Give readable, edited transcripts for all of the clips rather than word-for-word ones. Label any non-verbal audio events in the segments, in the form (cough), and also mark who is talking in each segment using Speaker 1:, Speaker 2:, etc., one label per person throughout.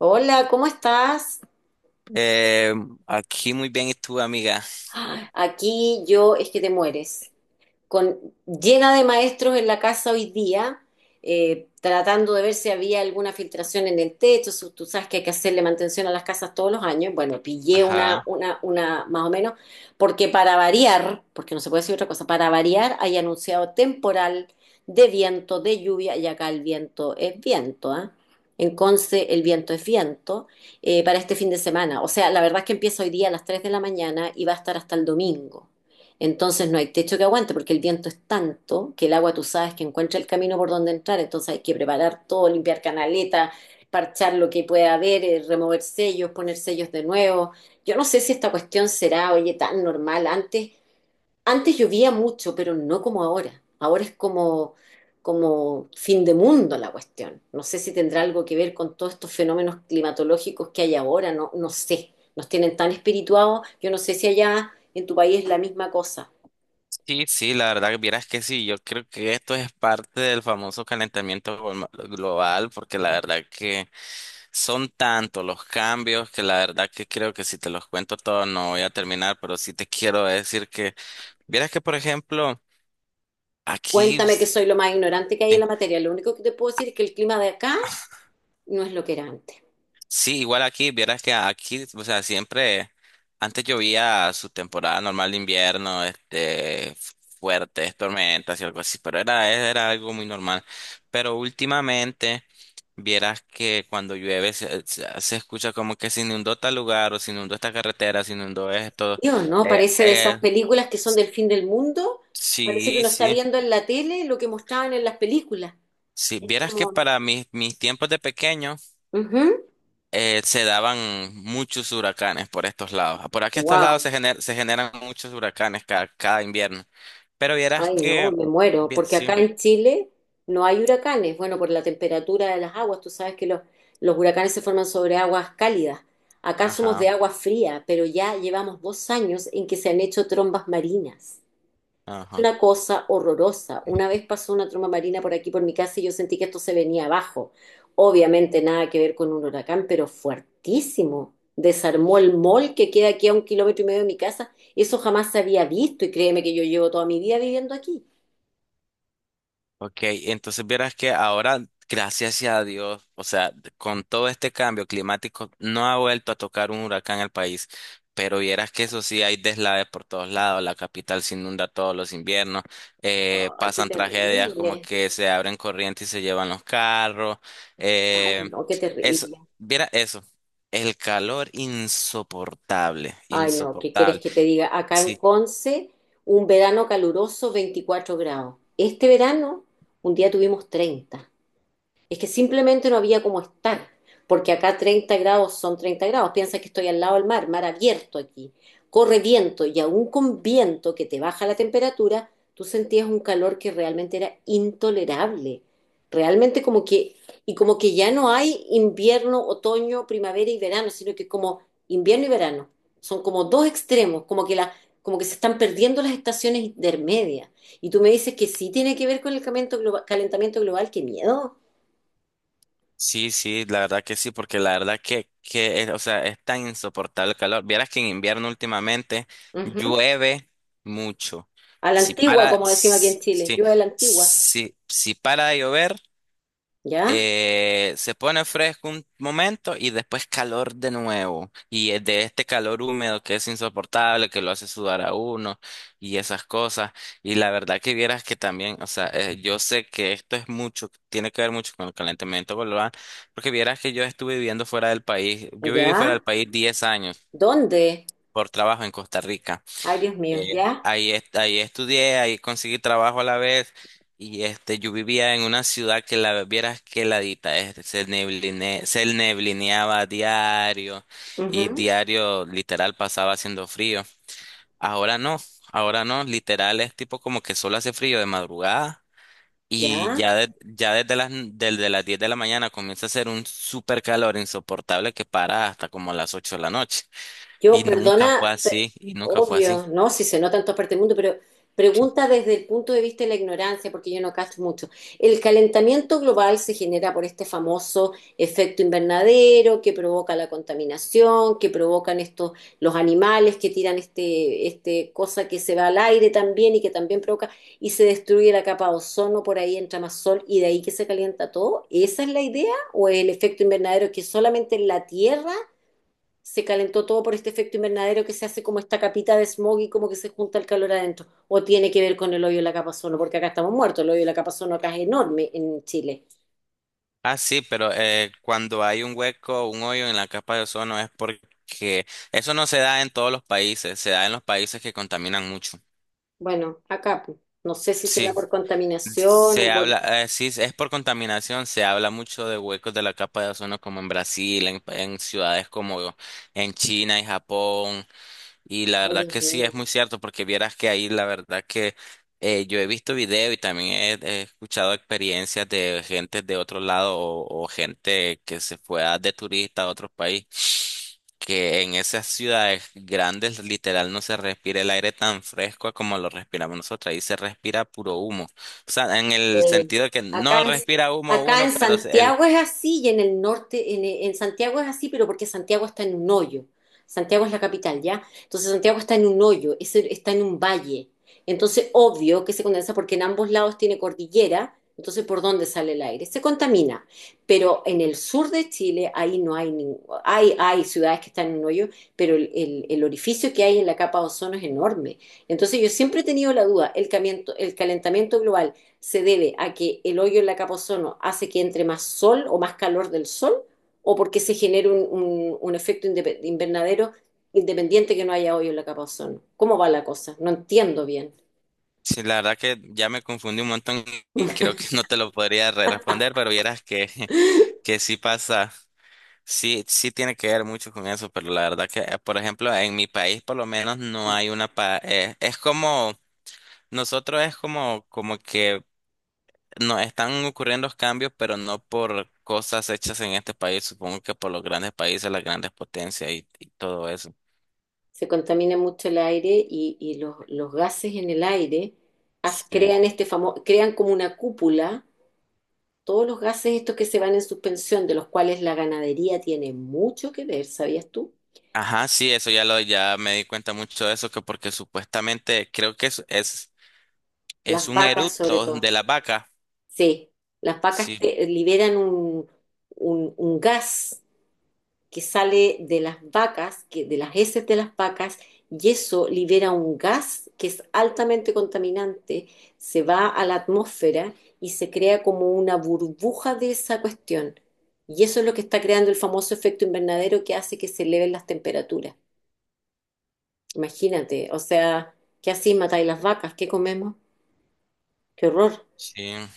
Speaker 1: Hola, ¿cómo estás?
Speaker 2: Eh, Aquí muy bien, ¿y tú, amiga?
Speaker 1: Aquí yo es que te mueres. con, Llena de maestros en la casa hoy día, tratando de ver si había alguna filtración en el techo. Si Tú sabes que hay que hacerle mantención a las casas todos los años. Bueno, pillé una,
Speaker 2: Ajá.
Speaker 1: una, una más o menos, porque para variar, porque no se puede decir otra cosa, para variar hay anunciado temporal de viento, de lluvia, y acá el viento es viento, ¿ah? En Conce el viento es viento, para este fin de semana. O sea, la verdad es que empieza hoy día a las 3 de la mañana y va a estar hasta el domingo. Entonces no hay techo que aguante, porque el viento es tanto que el agua, tú sabes que encuentra el camino por donde entrar, entonces hay que preparar todo, limpiar canaletas, parchar lo que pueda haber, remover sellos, poner sellos de nuevo. Yo no sé si esta cuestión será, oye, tan normal. Antes llovía mucho, pero no como ahora. Ahora es como como fin de mundo la cuestión. No sé si tendrá algo que ver con todos estos fenómenos climatológicos que hay ahora, no, no sé. Nos tienen tan espirituados, yo no sé si allá en tu país es la misma cosa.
Speaker 2: Sí, sí, la verdad que vieras que sí, yo creo que esto es parte del famoso calentamiento global, porque la verdad que son tantos los cambios que la verdad que creo que si te los cuento todos no voy a terminar, pero sí te quiero decir que, vieras que, por ejemplo, aquí
Speaker 1: Cuéntame, que
Speaker 2: sí.
Speaker 1: soy lo más ignorante que hay en la materia. Lo único que te puedo decir es que el clima de acá no es lo que era antes.
Speaker 2: Sí, igual aquí, vieras que aquí, o sea, siempre, antes llovía su temporada normal de invierno, este, fuertes tormentas y algo así, pero era algo muy normal. Pero últimamente, vieras que cuando llueve se escucha como que se inundó tal lugar, o se inundó esta carretera, se inundó esto.
Speaker 1: Dios, ¿no?
Speaker 2: Eh,
Speaker 1: Parece de esas
Speaker 2: eh,
Speaker 1: películas que son del fin del mundo. Parece que
Speaker 2: sí,
Speaker 1: uno está
Speaker 2: sí.
Speaker 1: viendo en la tele lo que mostraban en las películas.
Speaker 2: Sí,
Speaker 1: Es
Speaker 2: vieras que
Speaker 1: como...
Speaker 2: para mis tiempos de pequeño, se daban muchos huracanes por estos lados. Por aquí estos lados
Speaker 1: Wow.
Speaker 2: se generan muchos huracanes cada invierno. Pero vieras
Speaker 1: Ay, no,
Speaker 2: que,
Speaker 1: me muero.
Speaker 2: bien,
Speaker 1: Porque
Speaker 2: sí,
Speaker 1: acá en Chile no hay huracanes. Bueno, por la temperatura de las aguas. Tú sabes que los huracanes se forman sobre aguas cálidas. Acá somos de
Speaker 2: ajá,
Speaker 1: agua fría, pero ya llevamos 2 años en que se han hecho trombas marinas,
Speaker 2: ajá.
Speaker 1: una cosa horrorosa. Una vez pasó una tromba marina por aquí, por mi casa, y yo sentí que esto se venía abajo. Obviamente nada que ver con un huracán, pero fuertísimo. Desarmó el mall que queda aquí a 1 kilómetro y medio de mi casa. Eso jamás se había visto, y créeme que yo llevo toda mi vida viviendo aquí.
Speaker 2: Ok, entonces vieras que ahora, gracias a Dios, o sea, con todo este cambio climático, no ha vuelto a tocar un huracán al país, pero vieras que eso sí, hay deslaves por todos lados, la capital se inunda todos los inviernos,
Speaker 1: Ay, qué
Speaker 2: pasan tragedias como
Speaker 1: terrible.
Speaker 2: que se abren corrientes y se llevan los carros,
Speaker 1: Ay,
Speaker 2: eh,
Speaker 1: no, qué
Speaker 2: eso,
Speaker 1: terrible.
Speaker 2: viera eso, el calor insoportable,
Speaker 1: Ay, no, ¿qué quieres
Speaker 2: insoportable.
Speaker 1: que te diga? Acá en
Speaker 2: Sí,
Speaker 1: Conce, un verano caluroso, 24 grados. Este verano, un día tuvimos 30. Es que simplemente no había cómo estar, porque acá 30 grados son 30 grados. Piensa que estoy al lado del mar, mar abierto aquí. Corre viento, y aún con viento que te baja la temperatura, tú sentías un calor que realmente era intolerable. Realmente como que, y como que ya no hay invierno, otoño, primavera y verano, sino que como invierno y verano. Son como dos extremos, como que la, como que se están perdiendo las estaciones intermedias. Y tú me dices que sí tiene que ver con el calentamiento global, qué miedo.
Speaker 2: sí, sí, la verdad que sí, porque la verdad que es, o sea, es tan insoportable el calor. Vieras que en invierno últimamente
Speaker 1: Ujú.
Speaker 2: llueve mucho.
Speaker 1: A la
Speaker 2: Si
Speaker 1: antigua,
Speaker 2: para,
Speaker 1: como decimos aquí en Chile.
Speaker 2: si,
Speaker 1: Yo a la antigua.
Speaker 2: si para de llover
Speaker 1: ¿Ya?
Speaker 2: se pone fresco un momento y después calor de nuevo. Y es de este calor húmedo que es insoportable, que lo hace sudar a uno y esas cosas. Y la verdad que vieras que también, o sea, yo sé que esto es mucho, tiene que ver mucho con el calentamiento global, porque vieras que yo estuve viviendo fuera del país. Yo viví fuera
Speaker 1: ¿Ya?
Speaker 2: del país 10 años
Speaker 1: ¿Dónde?
Speaker 2: por trabajo en Costa Rica.
Speaker 1: Ay, Dios mío.
Speaker 2: Eh,
Speaker 1: ¿Ya?
Speaker 2: ahí estudié, ahí conseguí trabajo a la vez y este, yo vivía en una ciudad que la vieras que heladita, este, se neblineaba diario y
Speaker 1: Ujú.
Speaker 2: diario literal pasaba haciendo frío. Ahora no, ahora no, literal es tipo como que solo hace frío de madrugada y
Speaker 1: ¿Ya?
Speaker 2: ya desde las 10 de la mañana comienza a hacer un super calor insoportable que para hasta como las 8 de la noche
Speaker 1: Yo,
Speaker 2: y nunca fue
Speaker 1: perdona,
Speaker 2: así, y nunca fue así.
Speaker 1: obvio, ¿no? Si se nota en todas partes del mundo, pero pregunta desde el punto de vista de la ignorancia, porque yo no cacho mucho. ¿El calentamiento global se genera por este famoso efecto invernadero que provoca la contaminación, que provocan estos, los animales que tiran este, cosa que se va al aire también, y que también provoca, y se destruye la capa de ozono, por ahí entra más sol y de ahí que se calienta todo? ¿Esa es la idea? ¿O el efecto invernadero, que solamente en la Tierra se calentó todo por este efecto invernadero que se hace como esta capita de smog y como que se junta el calor adentro? ¿O tiene que ver con el hoyo de la capa ozono? Porque acá estamos muertos, el hoyo de la capa ozono acá es enorme en Chile.
Speaker 2: Ah, sí, pero cuando hay un hueco, un hoyo en la capa de ozono es porque eso no se da en todos los países, se da en los países que contaminan mucho.
Speaker 1: Bueno, acá pues, no sé si será
Speaker 2: Sí,
Speaker 1: por contaminación o
Speaker 2: se
Speaker 1: por...
Speaker 2: habla, sí, es por contaminación, se habla mucho de huecos de la capa de ozono como en Brasil, en ciudades como en China y Japón. Y la
Speaker 1: Ay,
Speaker 2: verdad
Speaker 1: Dios
Speaker 2: que sí es
Speaker 1: mío.
Speaker 2: muy cierto, porque vieras que ahí la verdad que yo he visto video y también he escuchado experiencias de gente de otro lado o gente que se fue de turista a otro país, que en esas ciudades grandes literal no se respira el aire tan fresco como lo respiramos nosotros, ahí se respira puro humo. O sea, en el
Speaker 1: Sí.
Speaker 2: sentido de que
Speaker 1: Acá
Speaker 2: no
Speaker 1: en,
Speaker 2: respira humo
Speaker 1: acá
Speaker 2: uno,
Speaker 1: en
Speaker 2: pero el.
Speaker 1: Santiago es así, y en el norte, en Santiago es así, pero porque Santiago está en un hoyo. Santiago es la capital, ¿ya? Entonces Santiago está en un hoyo, está en un valle. Entonces, obvio que se condensa porque en ambos lados tiene cordillera, entonces ¿por dónde sale el aire? Se contamina. Pero en el sur de Chile, ahí no hay ningún... Hay ciudades que están en un hoyo, pero el orificio que hay en la capa de ozono es enorme. Entonces yo siempre he tenido la duda, el calentamiento global, ¿se debe a que el hoyo en la capa ozono hace que entre más sol o más calor del sol, o porque se genera un, un efecto invernadero independiente, que no haya hoyo en la capa ozono? ¿Cómo va la cosa? No entiendo bien.
Speaker 2: Sí, la verdad que ya me confundí un montón y creo que no te lo podría responder, pero vieras que (laughs)
Speaker 1: (laughs)
Speaker 2: que sí pasa, sí, sí tiene que ver mucho con eso, pero la verdad que, por ejemplo, en mi país por lo menos no hay una pa es como, nosotros es como, como que nos están ocurriendo los cambios, pero no por cosas hechas en este país, supongo que por los grandes países, las grandes potencias y todo eso.
Speaker 1: Se contamina mucho el aire, y gases en el aire, as,
Speaker 2: Sí.
Speaker 1: crean, este famoso, crean como una cúpula todos los gases estos que se van en suspensión, de los cuales la ganadería tiene mucho que ver, ¿sabías tú?
Speaker 2: Ajá, sí, eso ya lo, ya me di cuenta mucho de eso, que porque supuestamente creo que es
Speaker 1: Las
Speaker 2: un
Speaker 1: vacas sobre
Speaker 2: eructo
Speaker 1: todo.
Speaker 2: de la vaca.
Speaker 1: Sí, las vacas
Speaker 2: Sí,
Speaker 1: liberan un, un gas que sale de las vacas, que, de las heces de las vacas, y eso libera un gas que es altamente contaminante, se va a la atmósfera y se crea como una burbuja de esa cuestión. Y eso es lo que está creando el famoso efecto invernadero, que hace que se eleven las temperaturas. Imagínate, o sea, ¿qué así matáis las vacas? ¿Qué comemos? ¡Qué horror!
Speaker 2: sí.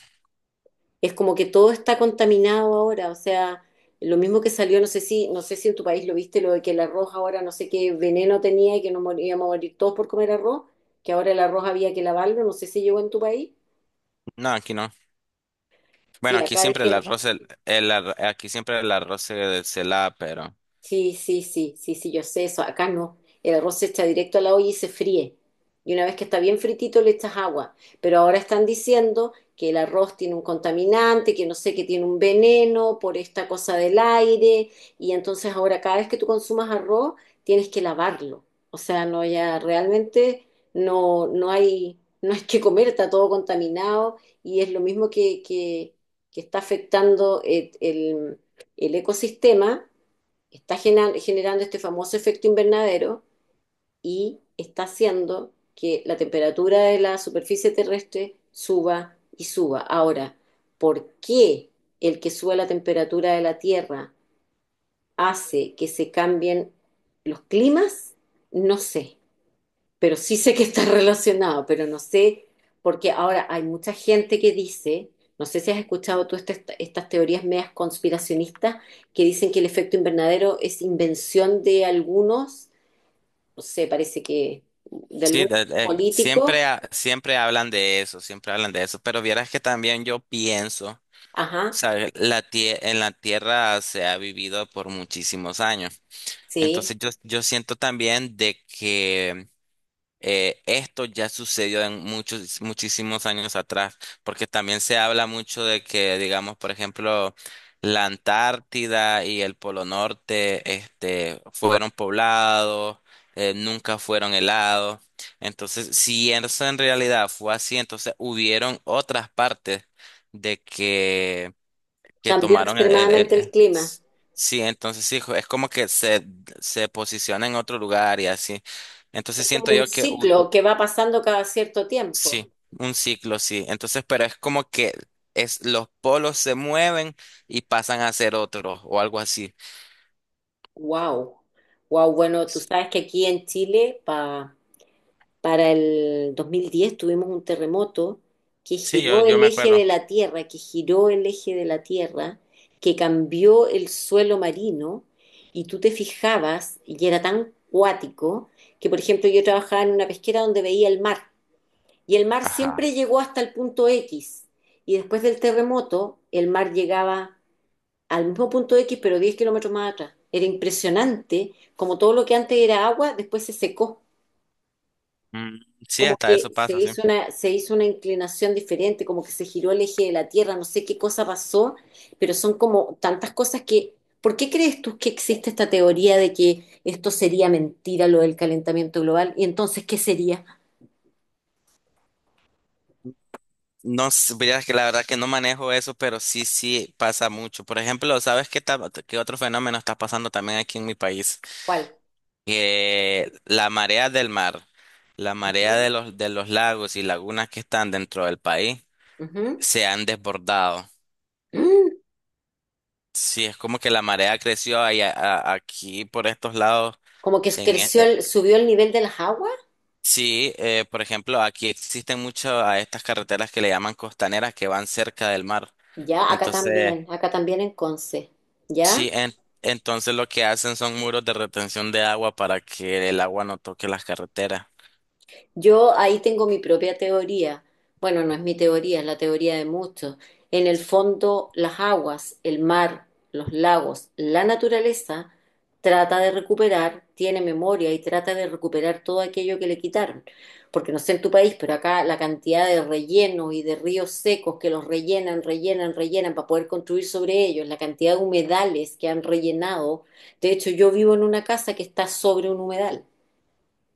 Speaker 1: Es como que todo está contaminado ahora, o sea, lo mismo que salió, no sé si en tu país lo viste, lo de que el arroz ahora no sé qué veneno tenía y que íbamos a morir todos por comer arroz, que ahora el arroz había que lavarlo, no sé si llegó en tu país.
Speaker 2: No, aquí no. Bueno,
Speaker 1: Sí,
Speaker 2: aquí
Speaker 1: acá
Speaker 2: siempre el
Speaker 1: dijeron.
Speaker 2: arroz, aquí siempre el arroz se lava, pero
Speaker 1: Sí, sí, sí, sí, sí, yo sé eso. Acá no. El arroz se echa directo a la olla y se fríe. Y una vez que está bien fritito le echas agua. Pero ahora están diciendo que el arroz tiene un contaminante, que no sé, que tiene un veneno por esta cosa del aire. Y entonces ahora cada vez que tú consumas arroz tienes que lavarlo. O sea, no, ya realmente no, no hay que comer, está todo contaminado. Y es lo mismo, que está afectando el el- el ecosistema, está generando este famoso efecto invernadero y está haciendo que la temperatura de la superficie terrestre suba y suba. Ahora, ¿por qué el que sube la temperatura de la Tierra hace que se cambien los climas? No sé, pero sí sé que está (laughs) relacionado, pero no sé, porque ahora hay mucha gente que dice, no sé si has escuchado tú estas teorías medias conspiracionistas, que dicen que el efecto invernadero es invención de algunos, no sé, parece que de
Speaker 2: sí,
Speaker 1: algunos políticos.
Speaker 2: siempre hablan de eso, siempre hablan de eso, pero vieras que también yo pienso,
Speaker 1: Ajá,
Speaker 2: ¿sabes? En la tierra se ha vivido por muchísimos años,
Speaker 1: sí,
Speaker 2: entonces yo siento también de que. Esto ya sucedió en muchos, muchísimos años atrás, porque también se habla mucho de que, digamos, por ejemplo, la Antártida y el Polo Norte, este, fueron poblados, nunca fueron helados. Entonces, si eso en realidad fue así, entonces hubieron otras partes de que, que
Speaker 1: cambió
Speaker 2: tomaron el, el-
Speaker 1: extremadamente el
Speaker 2: el-
Speaker 1: clima.
Speaker 2: Sí, entonces sí, es como que se posiciona en otro lugar y así.
Speaker 1: Es
Speaker 2: Entonces siento
Speaker 1: como un
Speaker 2: yo que.
Speaker 1: ciclo que va pasando cada cierto tiempo.
Speaker 2: Sí, un ciclo, sí. Entonces, pero es como que los polos se mueven y pasan a ser otros o algo así.
Speaker 1: Wow. Wow, bueno, tú sabes que aquí en Chile, para... Para el 2010 tuvimos un terremoto que
Speaker 2: Sí, yo,
Speaker 1: giró
Speaker 2: yo
Speaker 1: el
Speaker 2: me
Speaker 1: eje de
Speaker 2: acuerdo.
Speaker 1: la Tierra, que giró el eje de la Tierra, que cambió el suelo marino, y tú te fijabas y era tan cuático que, por ejemplo, yo trabajaba en una pesquera donde veía el mar, y el mar
Speaker 2: Ajá.
Speaker 1: siempre llegó hasta el punto X, y después del terremoto el mar llegaba al mismo punto X, pero 10 kilómetros más atrás. Era impresionante como todo lo que antes era agua después se secó,
Speaker 2: Mm, sí,
Speaker 1: como
Speaker 2: hasta
Speaker 1: que
Speaker 2: eso
Speaker 1: se
Speaker 2: pasa, sí.
Speaker 1: hizo una, se hizo una inclinación diferente, como que se giró el eje de la Tierra, no sé qué cosa pasó, pero son como tantas cosas que... ¿Por qué crees tú que existe esta teoría de que esto sería mentira, lo del calentamiento global? ¿Y entonces qué sería?
Speaker 2: No sé, vieras que la verdad que no manejo eso, pero sí, sí pasa mucho. Por ejemplo, ¿sabes qué otro fenómeno está pasando también aquí en mi país?
Speaker 1: ¿Cuál?
Speaker 2: Que la marea del mar, la marea de
Speaker 1: Ujú,
Speaker 2: los, de los lagos y lagunas que están dentro del país
Speaker 1: ujú.
Speaker 2: se han desbordado.
Speaker 1: Mm.
Speaker 2: Sí, es como que la marea creció ahí aquí por estos lados.
Speaker 1: Como que
Speaker 2: En, e-
Speaker 1: creció
Speaker 2: eh,
Speaker 1: subió el nivel de las aguas.
Speaker 2: sí, por ejemplo, aquí existen muchas a estas carreteras que le llaman costaneras que van cerca del mar.
Speaker 1: Ya,
Speaker 2: Entonces,
Speaker 1: acá también en Conce. ¿Ya?
Speaker 2: sí, entonces lo que hacen son muros de retención de agua para que el agua no toque las carreteras.
Speaker 1: Yo ahí tengo mi propia teoría. Bueno, no es mi teoría, es la teoría de muchos. En el fondo, las aguas, el mar, los lagos, la naturaleza trata de recuperar, tiene memoria y trata de recuperar todo aquello que le quitaron. Porque no sé en tu país, pero acá la cantidad de rellenos y de ríos secos que los rellenan, rellenan, rellenan para poder construir sobre ellos, la cantidad de humedales que han rellenado. De hecho, yo vivo en una casa que está sobre un humedal.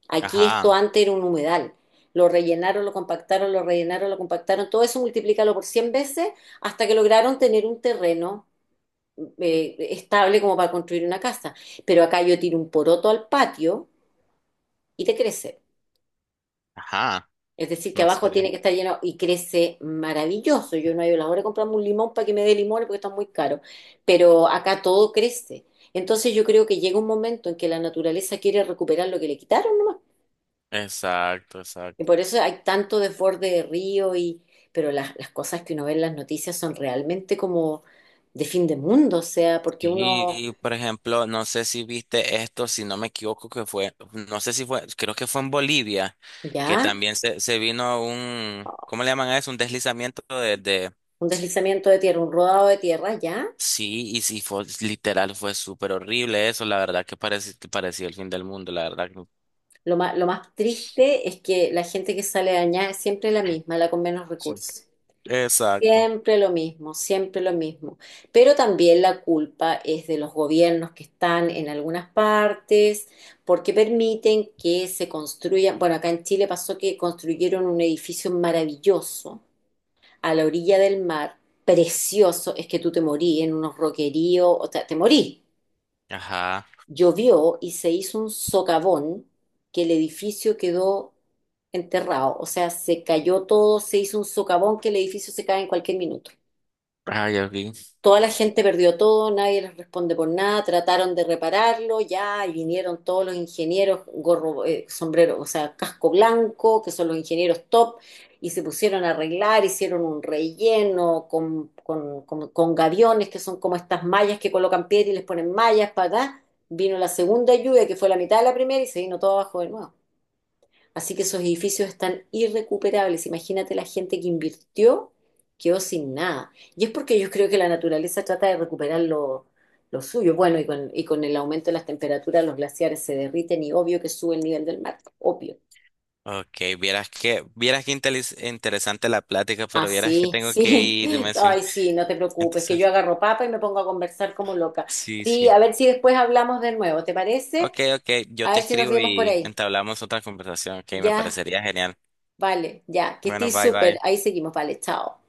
Speaker 1: Aquí esto
Speaker 2: Ajá,
Speaker 1: antes era un humedal. Lo rellenaron, lo compactaron, lo rellenaron, lo compactaron. Todo eso multiplícalo por 100 veces, hasta que lograron tener un terreno, estable como para construir una casa. Pero acá yo tiro un poroto al patio y te crece.
Speaker 2: ajá,
Speaker 1: Es decir, que
Speaker 2: no
Speaker 1: abajo
Speaker 2: sé.
Speaker 1: tiene que estar lleno y crece maravilloso. Yo no he ido a la hora de comprarme un limón para que me dé limones porque está muy caro. Pero acá todo crece. Entonces yo creo que llega un momento en que la naturaleza quiere recuperar lo que le quitaron.
Speaker 2: Exacto,
Speaker 1: Y
Speaker 2: exacto.
Speaker 1: por eso hay tanto desborde de río, y, pero las cosas que uno ve en las noticias son realmente como de fin de mundo, o sea, porque uno...
Speaker 2: Sí, por ejemplo, no sé si viste esto, si no me equivoco, que fue, no sé si fue, creo que fue en Bolivia, que
Speaker 1: Ya,
Speaker 2: también se vino un, ¿cómo le llaman a eso? Un deslizamiento de.
Speaker 1: un deslizamiento de tierra, un rodado de tierra, ya.
Speaker 2: Sí, y sí, fue, literal, fue súper horrible eso, la verdad que parecía el fin del mundo, la verdad que.
Speaker 1: Lo más triste es que la gente que sale dañada es siempre la misma, la con menos
Speaker 2: Sí.
Speaker 1: recursos.
Speaker 2: Exacto.
Speaker 1: Siempre lo mismo, siempre lo mismo. Pero también la culpa es de los gobiernos que están en algunas partes, porque permiten que se construyan. Bueno, acá en Chile pasó que construyeron un edificio maravilloso a la orilla del mar, precioso, es que tú te morí en unos roqueríos, o sea, te morí.
Speaker 2: Ajá.
Speaker 1: Llovió y se hizo un socavón, que el edificio quedó enterrado, o sea, se cayó todo, se hizo un socavón que el edificio se cae en cualquier minuto.
Speaker 2: Ay, ok.
Speaker 1: Toda la gente
Speaker 2: Sí.
Speaker 1: perdió todo, nadie les responde por nada, trataron de repararlo, ya, y vinieron todos los ingenieros, gorro, sombrero, o sea, casco blanco, que son los ingenieros top, y se pusieron a arreglar, hicieron un relleno con, con gaviones, que son como estas mallas que colocan piedra y les ponen mallas para acá. Vino la segunda lluvia, que fue la mitad de la primera, y se vino todo abajo de nuevo. Así que esos edificios están irrecuperables. Imagínate, la gente que invirtió quedó sin nada. Y es porque yo creo que la naturaleza trata de recuperar lo, suyo. Bueno, y con, el aumento de las temperaturas, los glaciares se derriten y obvio que sube el nivel del mar, obvio.
Speaker 2: Ok, vieras que interesante la plática,
Speaker 1: Ah,
Speaker 2: pero vieras que
Speaker 1: sí,
Speaker 2: tengo que
Speaker 1: sí. (laughs)
Speaker 2: irme, sí.
Speaker 1: Ay, sí, no te preocupes, que yo
Speaker 2: Entonces,
Speaker 1: agarro papa y me pongo a conversar como loca.
Speaker 2: sí,
Speaker 1: Sí,
Speaker 2: sí.
Speaker 1: a ver si después hablamos de nuevo, ¿te parece?
Speaker 2: Ok, ok, yo
Speaker 1: A
Speaker 2: te
Speaker 1: ver si nos
Speaker 2: escribo
Speaker 1: vemos por
Speaker 2: y
Speaker 1: ahí.
Speaker 2: entablamos otra conversación. Ok, me
Speaker 1: Ya,
Speaker 2: parecería genial.
Speaker 1: vale, ya, que
Speaker 2: Bueno,
Speaker 1: estés
Speaker 2: bye,
Speaker 1: súper.
Speaker 2: bye.
Speaker 1: Ahí seguimos, vale, chao.